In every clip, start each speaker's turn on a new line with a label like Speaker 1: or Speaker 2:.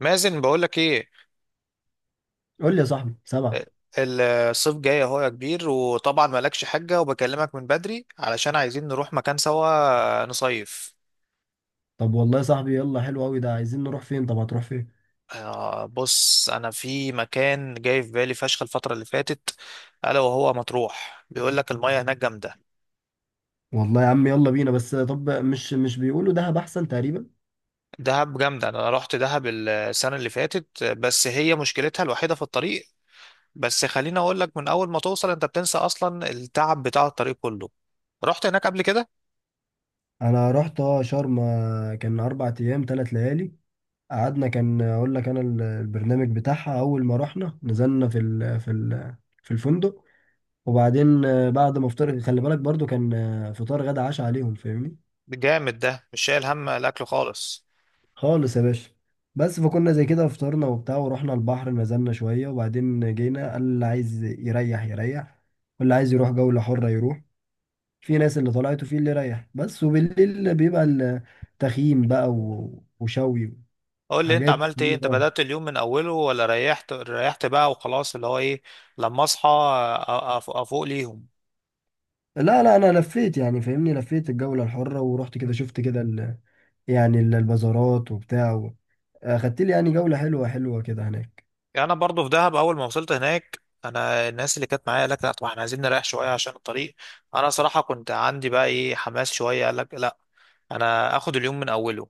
Speaker 1: مازن، بقولك ايه.
Speaker 2: قول لي يا صاحبي سبعة.
Speaker 1: الصيف جاي اهو يا كبير، وطبعا مالكش حاجة، وبكلمك من بدري علشان عايزين نروح مكان سوا نصيف.
Speaker 2: طب والله يا صاحبي يلا، حلو قوي ده. عايزين نروح فين؟ طب هتروح فين؟
Speaker 1: بص، انا في مكان جاي في بالي فشخ الفترة اللي فاتت، الا وهو مطروح، بيقولك المياه هناك جامدة.
Speaker 2: والله يا عم يلا بينا، بس طب مش بيقولوا دهب احسن تقريبا.
Speaker 1: دهب جامدة. انا رحت دهب السنة اللي فاتت، بس هي مشكلتها الوحيدة في الطريق. بس خليني اقولك، من اول ما توصل انت بتنسى اصلا التعب بتاع الطريق كله. رحت هناك قبل كده؟
Speaker 2: انا رحت شرم، كان 4 ايام 3 ليالي. قعدنا، كان اقول لك انا البرنامج بتاعها. اول ما رحنا نزلنا في الفندق. وبعدين بعد ما افطر، خلي بالك برضو كان فطار غدا عشاء عليهم، فاهمني.
Speaker 1: جامد، ده مش شايل هم الاكل خالص.
Speaker 2: خالص يا باشا. بس فكنا زي كده، فطرنا وبتاع، ورحنا البحر نزلنا شوية. وبعدين جينا، قال اللي عايز يريح يريح، واللي عايز يروح جولة حرة يروح. في ناس اللي طلعت وفي اللي ريح بس، وبالليل بيبقى التخييم بقى وشوي
Speaker 1: قول لي انت
Speaker 2: وحاجات
Speaker 1: عملت ايه،
Speaker 2: يعني
Speaker 1: انت
Speaker 2: اه.
Speaker 1: بدأت اليوم من اوله ولا ريحت، ريحت بقى وخلاص، اللي هو ايه، لما اصحى؟ افوق ليهم.
Speaker 2: لا، لا، انا لفيت يعني، فاهمني. لفيت الجولة الحرة ورحت كده، شفت كده يعني البازارات وبتاع اخدت لي يعني جولة حلوة حلوة كده هناك.
Speaker 1: انا برضو في دهب، اول ما وصلت هناك انا الناس اللي كانت معايا قالت لا طبعا احنا عايزين نريح شويه عشان الطريق. انا صراحه كنت عندي بقى ايه، حماس شويه. قال لك لا، انا اخد اليوم من اوله.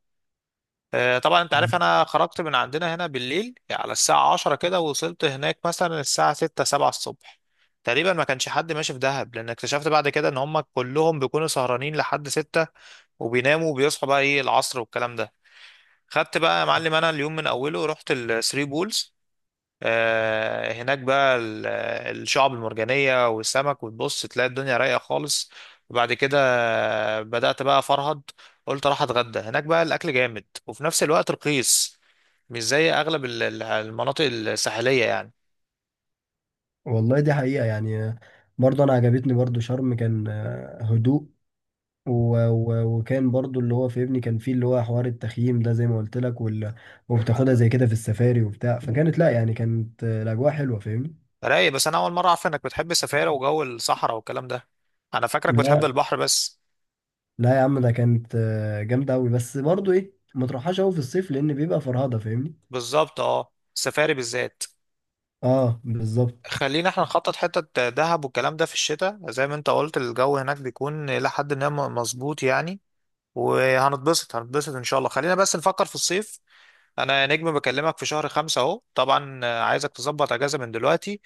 Speaker 1: طبعا انت عارف انا خرجت من عندنا هنا بالليل على الساعة عشرة كده، ووصلت هناك مثلا الساعة ستة سبعة الصبح. تقريبا ما كانش حد ماشي في دهب، لان اكتشفت بعد كده ان هم كلهم بيكونوا سهرانين لحد ستة، وبيناموا وبيصحوا بقى ايه العصر والكلام ده. خدت بقى يا معلم، انا اليوم من اوله رحت الثري بولز. آه، هناك بقى ال- الشعب المرجانية والسمك، وتبص تلاقي الدنيا رايقة خالص. وبعد كده بدأت بقى أفرهد. قلت أروح أتغدى هناك، بقى الأكل جامد وفي نفس الوقت رخيص، مش زي أغلب المناطق الساحلية يعني.
Speaker 2: والله دي حقيقة يعني. برضه أنا عجبتني برضه شرم، كان هدوء. و... وكان برضه اللي هو فاهمني كان فيه اللي هو حوار التخييم ده، زي ما قلت لك. وبتاخدها زي كده في السفاري وبتاع. فكانت لا يعني، كانت الأجواء حلوة، فاهمني.
Speaker 1: رايق. بس أنا أول مرة أعرف إنك بتحب السفاري وجو الصحراء والكلام ده، أنا فاكرك بتحب
Speaker 2: لا.
Speaker 1: البحر بس.
Speaker 2: لا يا عم، ده كانت جامدة أوي. بس برضه إيه، ما تروحهاش أوي في الصيف لأن بيبقى فرهضة، فاهمني.
Speaker 1: بالظبط، أه السفاري بالذات.
Speaker 2: أه بالظبط.
Speaker 1: خلينا احنا نخطط حتة دهب والكلام ده في الشتاء، زي ما انت قلت الجو هناك بيكون لحد ما مظبوط يعني. وهنتبسط هنتبسط ان شاء الله، خلينا بس نفكر في الصيف. انا يا نجم بكلمك في شهر خمسة اهو، طبعا عايزك تظبط اجازة من دلوقتي،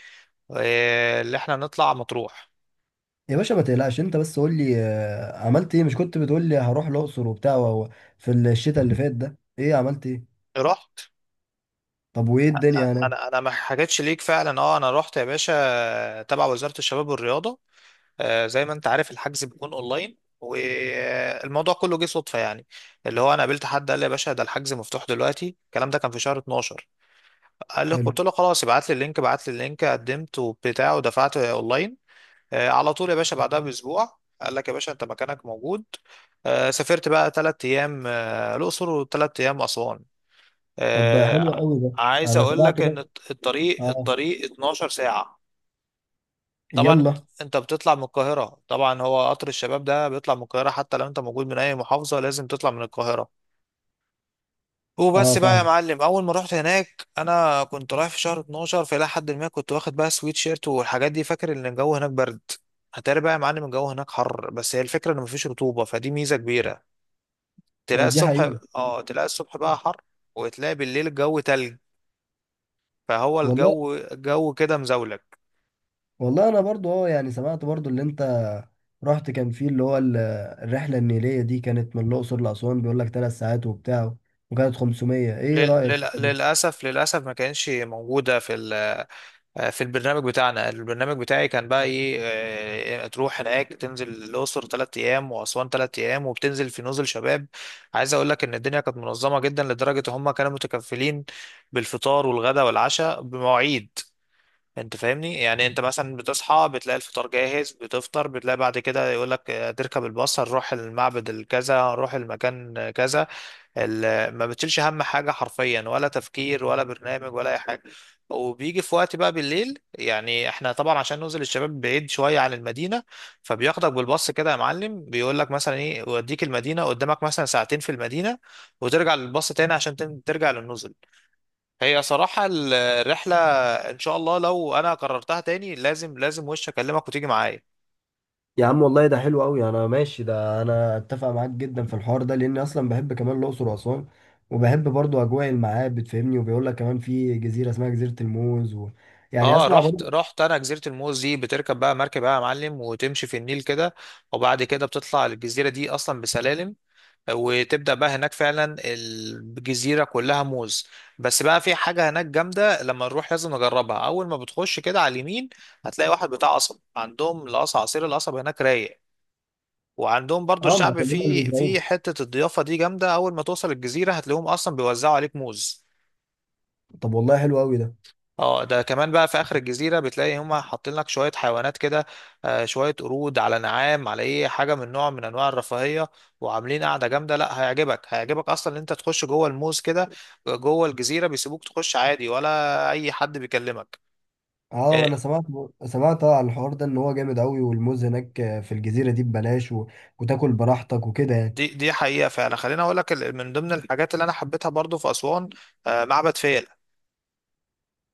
Speaker 1: اللي احنا نطلع مطروح.
Speaker 2: يا باشا ما تقلقش، أنت بس قول لي عملت إيه؟ مش كنت بتقول لي هروح الأقصر وبتاع في الشتاء اللي فات ده إيه عملت إيه؟
Speaker 1: رحت.
Speaker 2: طب وإيه الدنيا هناك؟
Speaker 1: انا ما حكيتش ليك فعلا، اه انا رحت يا باشا، تبع وزارة الشباب والرياضة. زي ما انت عارف الحجز بيكون اونلاين، والموضوع كله جه صدفة يعني. اللي هو انا قابلت حد قال لي يا باشا ده الحجز مفتوح دلوقتي، الكلام ده كان في شهر 12. قال لي،
Speaker 2: حلو.
Speaker 1: قلت له خلاص، ابعت لي اللينك، ابعت لي اللينك، قدمت وبتاع ودفعت اونلاين. على طول يا باشا، بعدها باسبوع قال لك يا باشا انت مكانك موجود. سافرت بقى ثلاث ايام الاقصر وثلاث ايام اسوان.
Speaker 2: طب حلو
Speaker 1: آه،
Speaker 2: قوي ده.
Speaker 1: عايز
Speaker 2: انا
Speaker 1: اقول
Speaker 2: سمعت
Speaker 1: لك ان
Speaker 2: كده.
Speaker 1: الطريق
Speaker 2: اه.
Speaker 1: 12 ساعه. طبعا انت،
Speaker 2: يلا.
Speaker 1: أنت بتطلع من القاهره، طبعا هو قطر الشباب ده بيطلع من القاهره، حتى لو انت موجود من اي محافظه لازم تطلع من القاهره.
Speaker 2: اه،
Speaker 1: وبس بقى يا
Speaker 2: فاهمك.
Speaker 1: معلم، اول ما رحت هناك انا كنت رايح في شهر 12، فالى حد ما كنت واخد بقى سويت شيرت والحاجات دي، فاكر ان الجو هناك برد. هتاري بقى يا معلم الجو هناك حر، بس هي الفكره ان مفيش رطوبه فدي ميزه كبيره. تلاقي
Speaker 2: ودي
Speaker 1: الصبح،
Speaker 2: حقيقة.
Speaker 1: اه تلاقي الصبح بقى حر، وتلاقي بالليل الجو تلج. فهو
Speaker 2: والله.
Speaker 1: الجو كده مزاولك.
Speaker 2: والله انا برضو يعني سمعت برضو اللي انت رحت. كان فيه اللي هو الرحلة النيلية دي كانت من الأقصر لأسوان، بيقول لك 3 ساعات وبتاع، وكانت 500. ايه رأيك فيها دي؟
Speaker 1: للاسف ما كانش موجوده في، في البرنامج بتاعنا، البرنامج بتاعي كان بقى ايه، تروح هناك تنزل الأقصر تلات أيام وأسوان تلات أيام، وبتنزل في نزل شباب. عايز أقول لك إن الدنيا كانت منظمة جدا لدرجة هم كانوا متكفلين بالفطار والغداء والعشاء بمواعيد. انت فاهمني يعني، انت مثلا بتصحى بتلاقي الفطار جاهز، بتفطر بتلاقي بعد كده يقول لك تركب الباص هنروح المعبد الكذا، هنروح المكان كذا. ما بتشيلش هم حاجة حرفيا، ولا تفكير ولا برنامج ولا أي حاجة. وبيجي في وقت بقى بالليل، يعني احنا طبعا عشان ننزل الشباب بعيد شوية عن المدينة، فبياخدك بالباص كده يا معلم، بيقول لك مثلا ايه يوديك المدينة، قدامك مثلا ساعتين في المدينة، وترجع للباص تاني عشان ترجع للنزل. هي صراحة الرحلة، ان شاء الله لو انا قررتها تاني لازم لازم وش اكلمك وتيجي معايا.
Speaker 2: يا عم والله ده حلو قوي، انا ماشي ده. انا اتفق معاك جدا في الحوار ده، لاني اصلا بحب كمان الأقصر وأسوان، وبحب برضو اجواء المعابد، فاهمني. وبيقول لك كمان في جزيرة اسمها جزيرة الموز يعني
Speaker 1: اه
Speaker 2: اسمع
Speaker 1: رحت
Speaker 2: برضو.
Speaker 1: رحت انا جزيره الموز دي، بتركب بقى مركب بقى يا معلم وتمشي في النيل كده، وبعد كده بتطلع الجزيره دي اصلا بسلالم، وتبدا بقى هناك فعلا الجزيره كلها موز. بس بقى في حاجه هناك جامده لما نروح لازم نجربها، اول ما بتخش كده على اليمين هتلاقي واحد بتاع قصب، عندهم القصب، عصير القصب هناك رايق. وعندهم برضو
Speaker 2: اه، ما
Speaker 1: الشعب،
Speaker 2: عشان هم اللي
Speaker 1: في
Speaker 2: بيزرعوه.
Speaker 1: في حته الضيافه دي جامده، اول ما توصل الجزيره هتلاقيهم اصلا بيوزعوا عليك موز.
Speaker 2: طب والله حلو قوي ده.
Speaker 1: اه ده كمان بقى في اخر الجزيره بتلاقي هما حاطين لك شويه حيوانات كده، شويه قرود على نعام، على ايه حاجه من نوع من انواع الرفاهيه، وعاملين قاعده جامده. لا هيعجبك، هيعجبك اصلا ان انت تخش جوه الموز كده، جوه الجزيره بيسيبوك تخش عادي، ولا اي حد بيكلمك.
Speaker 2: اه،
Speaker 1: آه،
Speaker 2: انا سمعت، سمعت على الحوار ده ان هو جامد قوي، والموز هناك في الجزيره دي ببلاش وتاكل براحتك وكده يعني.
Speaker 1: دي حقيقه فعلا. خليني اقول لك من ضمن الحاجات اللي انا حبيتها برضو في اسوان، معبد فيلة.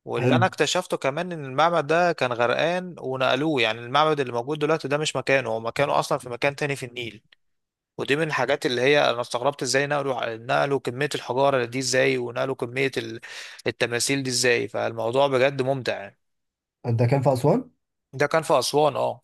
Speaker 1: واللي
Speaker 2: حلو.
Speaker 1: انا اكتشفته كمان ان المعبد ده كان غرقان ونقلوه، يعني المعبد اللي موجود دلوقتي ده مش مكانه، هو مكانه اصلا في مكان تاني في النيل. ودي من الحاجات اللي هي انا استغربت ازاي نقلوا، نقلوا كمية الحجارة دي ازاي، ونقلوا كمية التماثيل دي ازاي، فالموضوع بجد ممتع يعني.
Speaker 2: انت كان في اسوان؟
Speaker 1: ده كان في أسوان اه.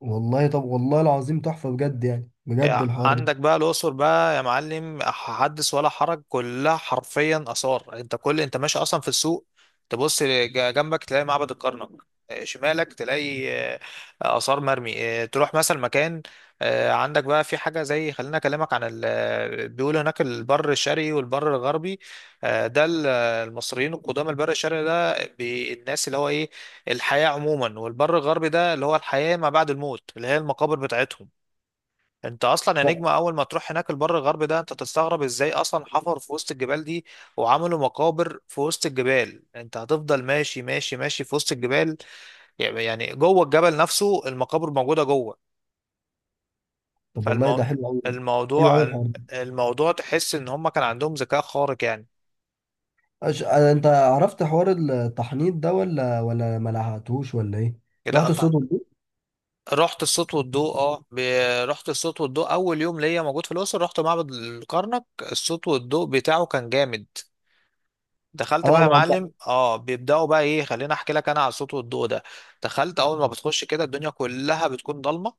Speaker 2: والله، طب والله العظيم تحفه بجد، يعني بجد الحوار ده.
Speaker 1: عندك بقى الأقصر بقى يا معلم حدث ولا حرج، كلها حرفيا آثار. انت كل، انت ماشي أصلا في السوق، تبص جنبك تلاقي معبد الكرنك، شمالك تلاقي آه، آثار مرمي، تروح مثلا مكان. عندك بقى في حاجة زي، خلينا أكلمك عن بيقولوا هناك البر الشرقي والبر الغربي. ده المصريين القدامى، البر الشرقي ده الناس اللي هو إيه الحياة عموما، والبر الغربي ده اللي هو الحياة ما بعد الموت، اللي هي المقابر بتاعتهم. انت اصلا يا
Speaker 2: ف...
Speaker 1: نجم اول ما تروح هناك البر الغربي ده، انت تستغرب ازاي اصلا حفروا في وسط الجبال دي، وعملوا مقابر في وسط الجبال. انت هتفضل ماشي ماشي ماشي في وسط الجبال، يعني جوه الجبل نفسه المقابر موجودة جوه.
Speaker 2: طب والله
Speaker 1: فالمو...
Speaker 2: ده حلو قوي. حلو قوي
Speaker 1: الموضوع،
Speaker 2: الحوار ده.
Speaker 1: تحس ان هم كان عندهم ذكاء خارق يعني.
Speaker 2: أش... آه، انت عرفت حوار التحنيط ده ولا، ما لحقتوش، ولا ايه؟
Speaker 1: لا
Speaker 2: رحت
Speaker 1: طبعا.
Speaker 2: الصوت والضوء؟
Speaker 1: رحت الصوت والضوء اه رحت الصوت والضوء اول يوم ليا موجود في الاقصر، رحت معبد الكرنك، الصوت والضوء بتاعه كان جامد. دخلت بقى
Speaker 2: اه.
Speaker 1: يا
Speaker 2: ما هم.
Speaker 1: معلم، اه بيبداوا بقى ايه، خليني احكي لك انا على الصوت والضوء ده. دخلت، اول ما بتخش كده الدنيا كلها بتكون ضلمه،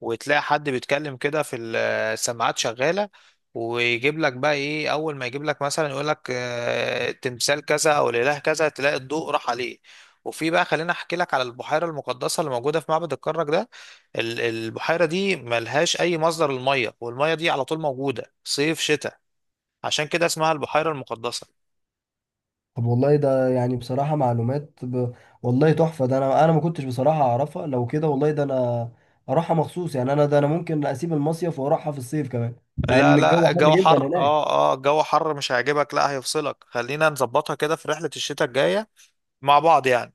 Speaker 1: وتلاقي حد بيتكلم كده في السماعات شغاله، ويجيب لك بقى ايه، اول ما يجيب لك مثلا يقول لك تمثال كذا او الاله كذا، تلاقي الضوء راح عليه. وفي بقى خليني احكي لك على البحيره المقدسه اللي موجوده في معبد الكرنك ده. البحيره دي ملهاش اي مصدر للميه، والميه دي على طول موجوده صيف شتاء، عشان كده اسمها البحيره المقدسه.
Speaker 2: طب والله ده يعني بصراحة معلومات والله تحفة ده. انا ما كنتش بصراحة اعرفها. لو كده والله ده انا اروحها مخصوص يعني. انا ده انا ممكن اسيب المصيف واروحها في الصيف كمان، مع
Speaker 1: لا
Speaker 2: ان الجو
Speaker 1: لا،
Speaker 2: حر
Speaker 1: الجو
Speaker 2: جدا
Speaker 1: حر،
Speaker 2: هناك.
Speaker 1: اه اه الجو حر مش هيعجبك، لا هيفصلك. خلينا نظبطها كده في رحلة الشتاء الجاية مع بعض يعني.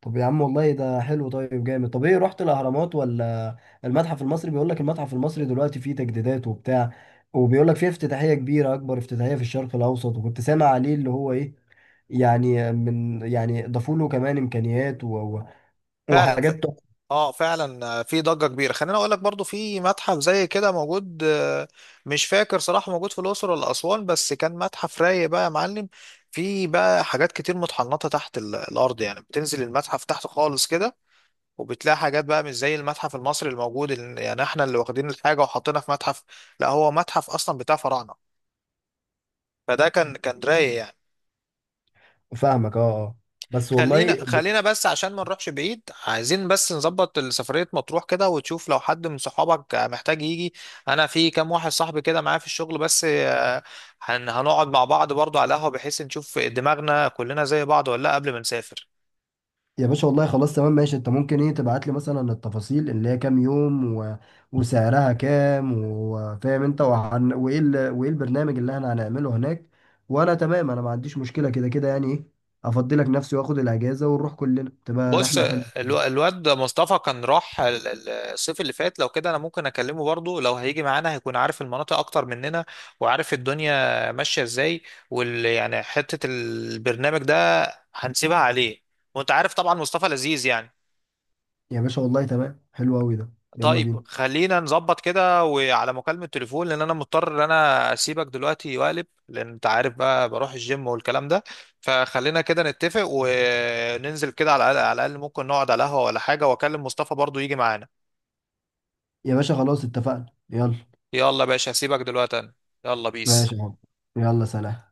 Speaker 2: طب يا عم والله ده حلو، طيب جامد. طب ايه، رحت الاهرامات ولا المتحف المصري؟ بيقول لك المتحف المصري دلوقتي فيه تجديدات وبتاع، وبيقول لك فيه افتتاحية كبيرة، اكبر افتتاحية في الشرق الاوسط. وكنت سامع عليه اللي هو ايه، يعني من يعني ضافوا له كمان امكانيات
Speaker 1: فعلا
Speaker 2: وحاجات.
Speaker 1: اه فعلا، في ضجة كبيرة. خليني اقول لك برضو في متحف زي كده موجود، مش فاكر صراحة موجود في الأقصر ولا أسوان، بس كان متحف رايق بقى يا معلم. في بقى حاجات كتير متحنطة تحت الأرض، يعني بتنزل المتحف تحت خالص كده، وبتلاقي حاجات بقى مش زي المتحف المصري الموجود يعني احنا اللي واخدين الحاجة وحاطينها في متحف، لا هو متحف أصلا بتاع فراعنة. فده كان رايق يعني.
Speaker 2: فاهمك، اه، اه. بس
Speaker 1: خلينا
Speaker 2: والله
Speaker 1: خلينا بس عشان ما نروحش بعيد، عايزين بس نظبط سفرية مطروح كده، وتشوف لو حد من صحابك محتاج يجي. انا في كام واحد صاحبي كده معايا في الشغل بس، هنقعد مع بعض برضو على قهوة، بحيث نشوف دماغنا كلنا زي بعض ولا لا قبل ما نسافر.
Speaker 2: يا باشا والله خلاص تمام ماشي. انت ممكن ايه تبعت لي مثلا التفاصيل اللي هي كام يوم وسعرها كام، وفاهم انت وايه وايه البرنامج اللي احنا هنعمله هناك. وانا تمام، انا ما عنديش مشكلة، كده كده يعني ايه. افضلك نفسي واخد الاجازة ونروح كلنا، تبقى
Speaker 1: بص،
Speaker 2: رحلة حلوة.
Speaker 1: الواد مصطفى كان راح الصيف اللي فات، لو كده انا ممكن اكلمه برضه، لو هيجي معانا هيكون عارف المناطق اكتر مننا، وعارف الدنيا ماشية ازاي، يعني حتة البرنامج ده هنسيبها عليه. وانت عارف طبعا مصطفى لذيذ يعني.
Speaker 2: يا باشا والله تمام، حلو قوي ده، يلا
Speaker 1: طيب
Speaker 2: بينا.
Speaker 1: خلينا نظبط كده وعلى مكالمة تليفون، لان انا مضطر ان انا اسيبك دلوقتي واقلب، لان انت عارف بقى بروح الجيم والكلام ده. فخلينا كده نتفق وننزل كده، على الاقل ممكن نقعد على قهوة ولا حاجة، واكلم مصطفى برضو يجي معانا.
Speaker 2: يا باشا خلاص اتفقنا، يلا.
Speaker 1: يلا يا باشا هسيبك دلوقتي انا، يلا
Speaker 2: ماشي
Speaker 1: بيس.
Speaker 2: يا حب. يلا سلام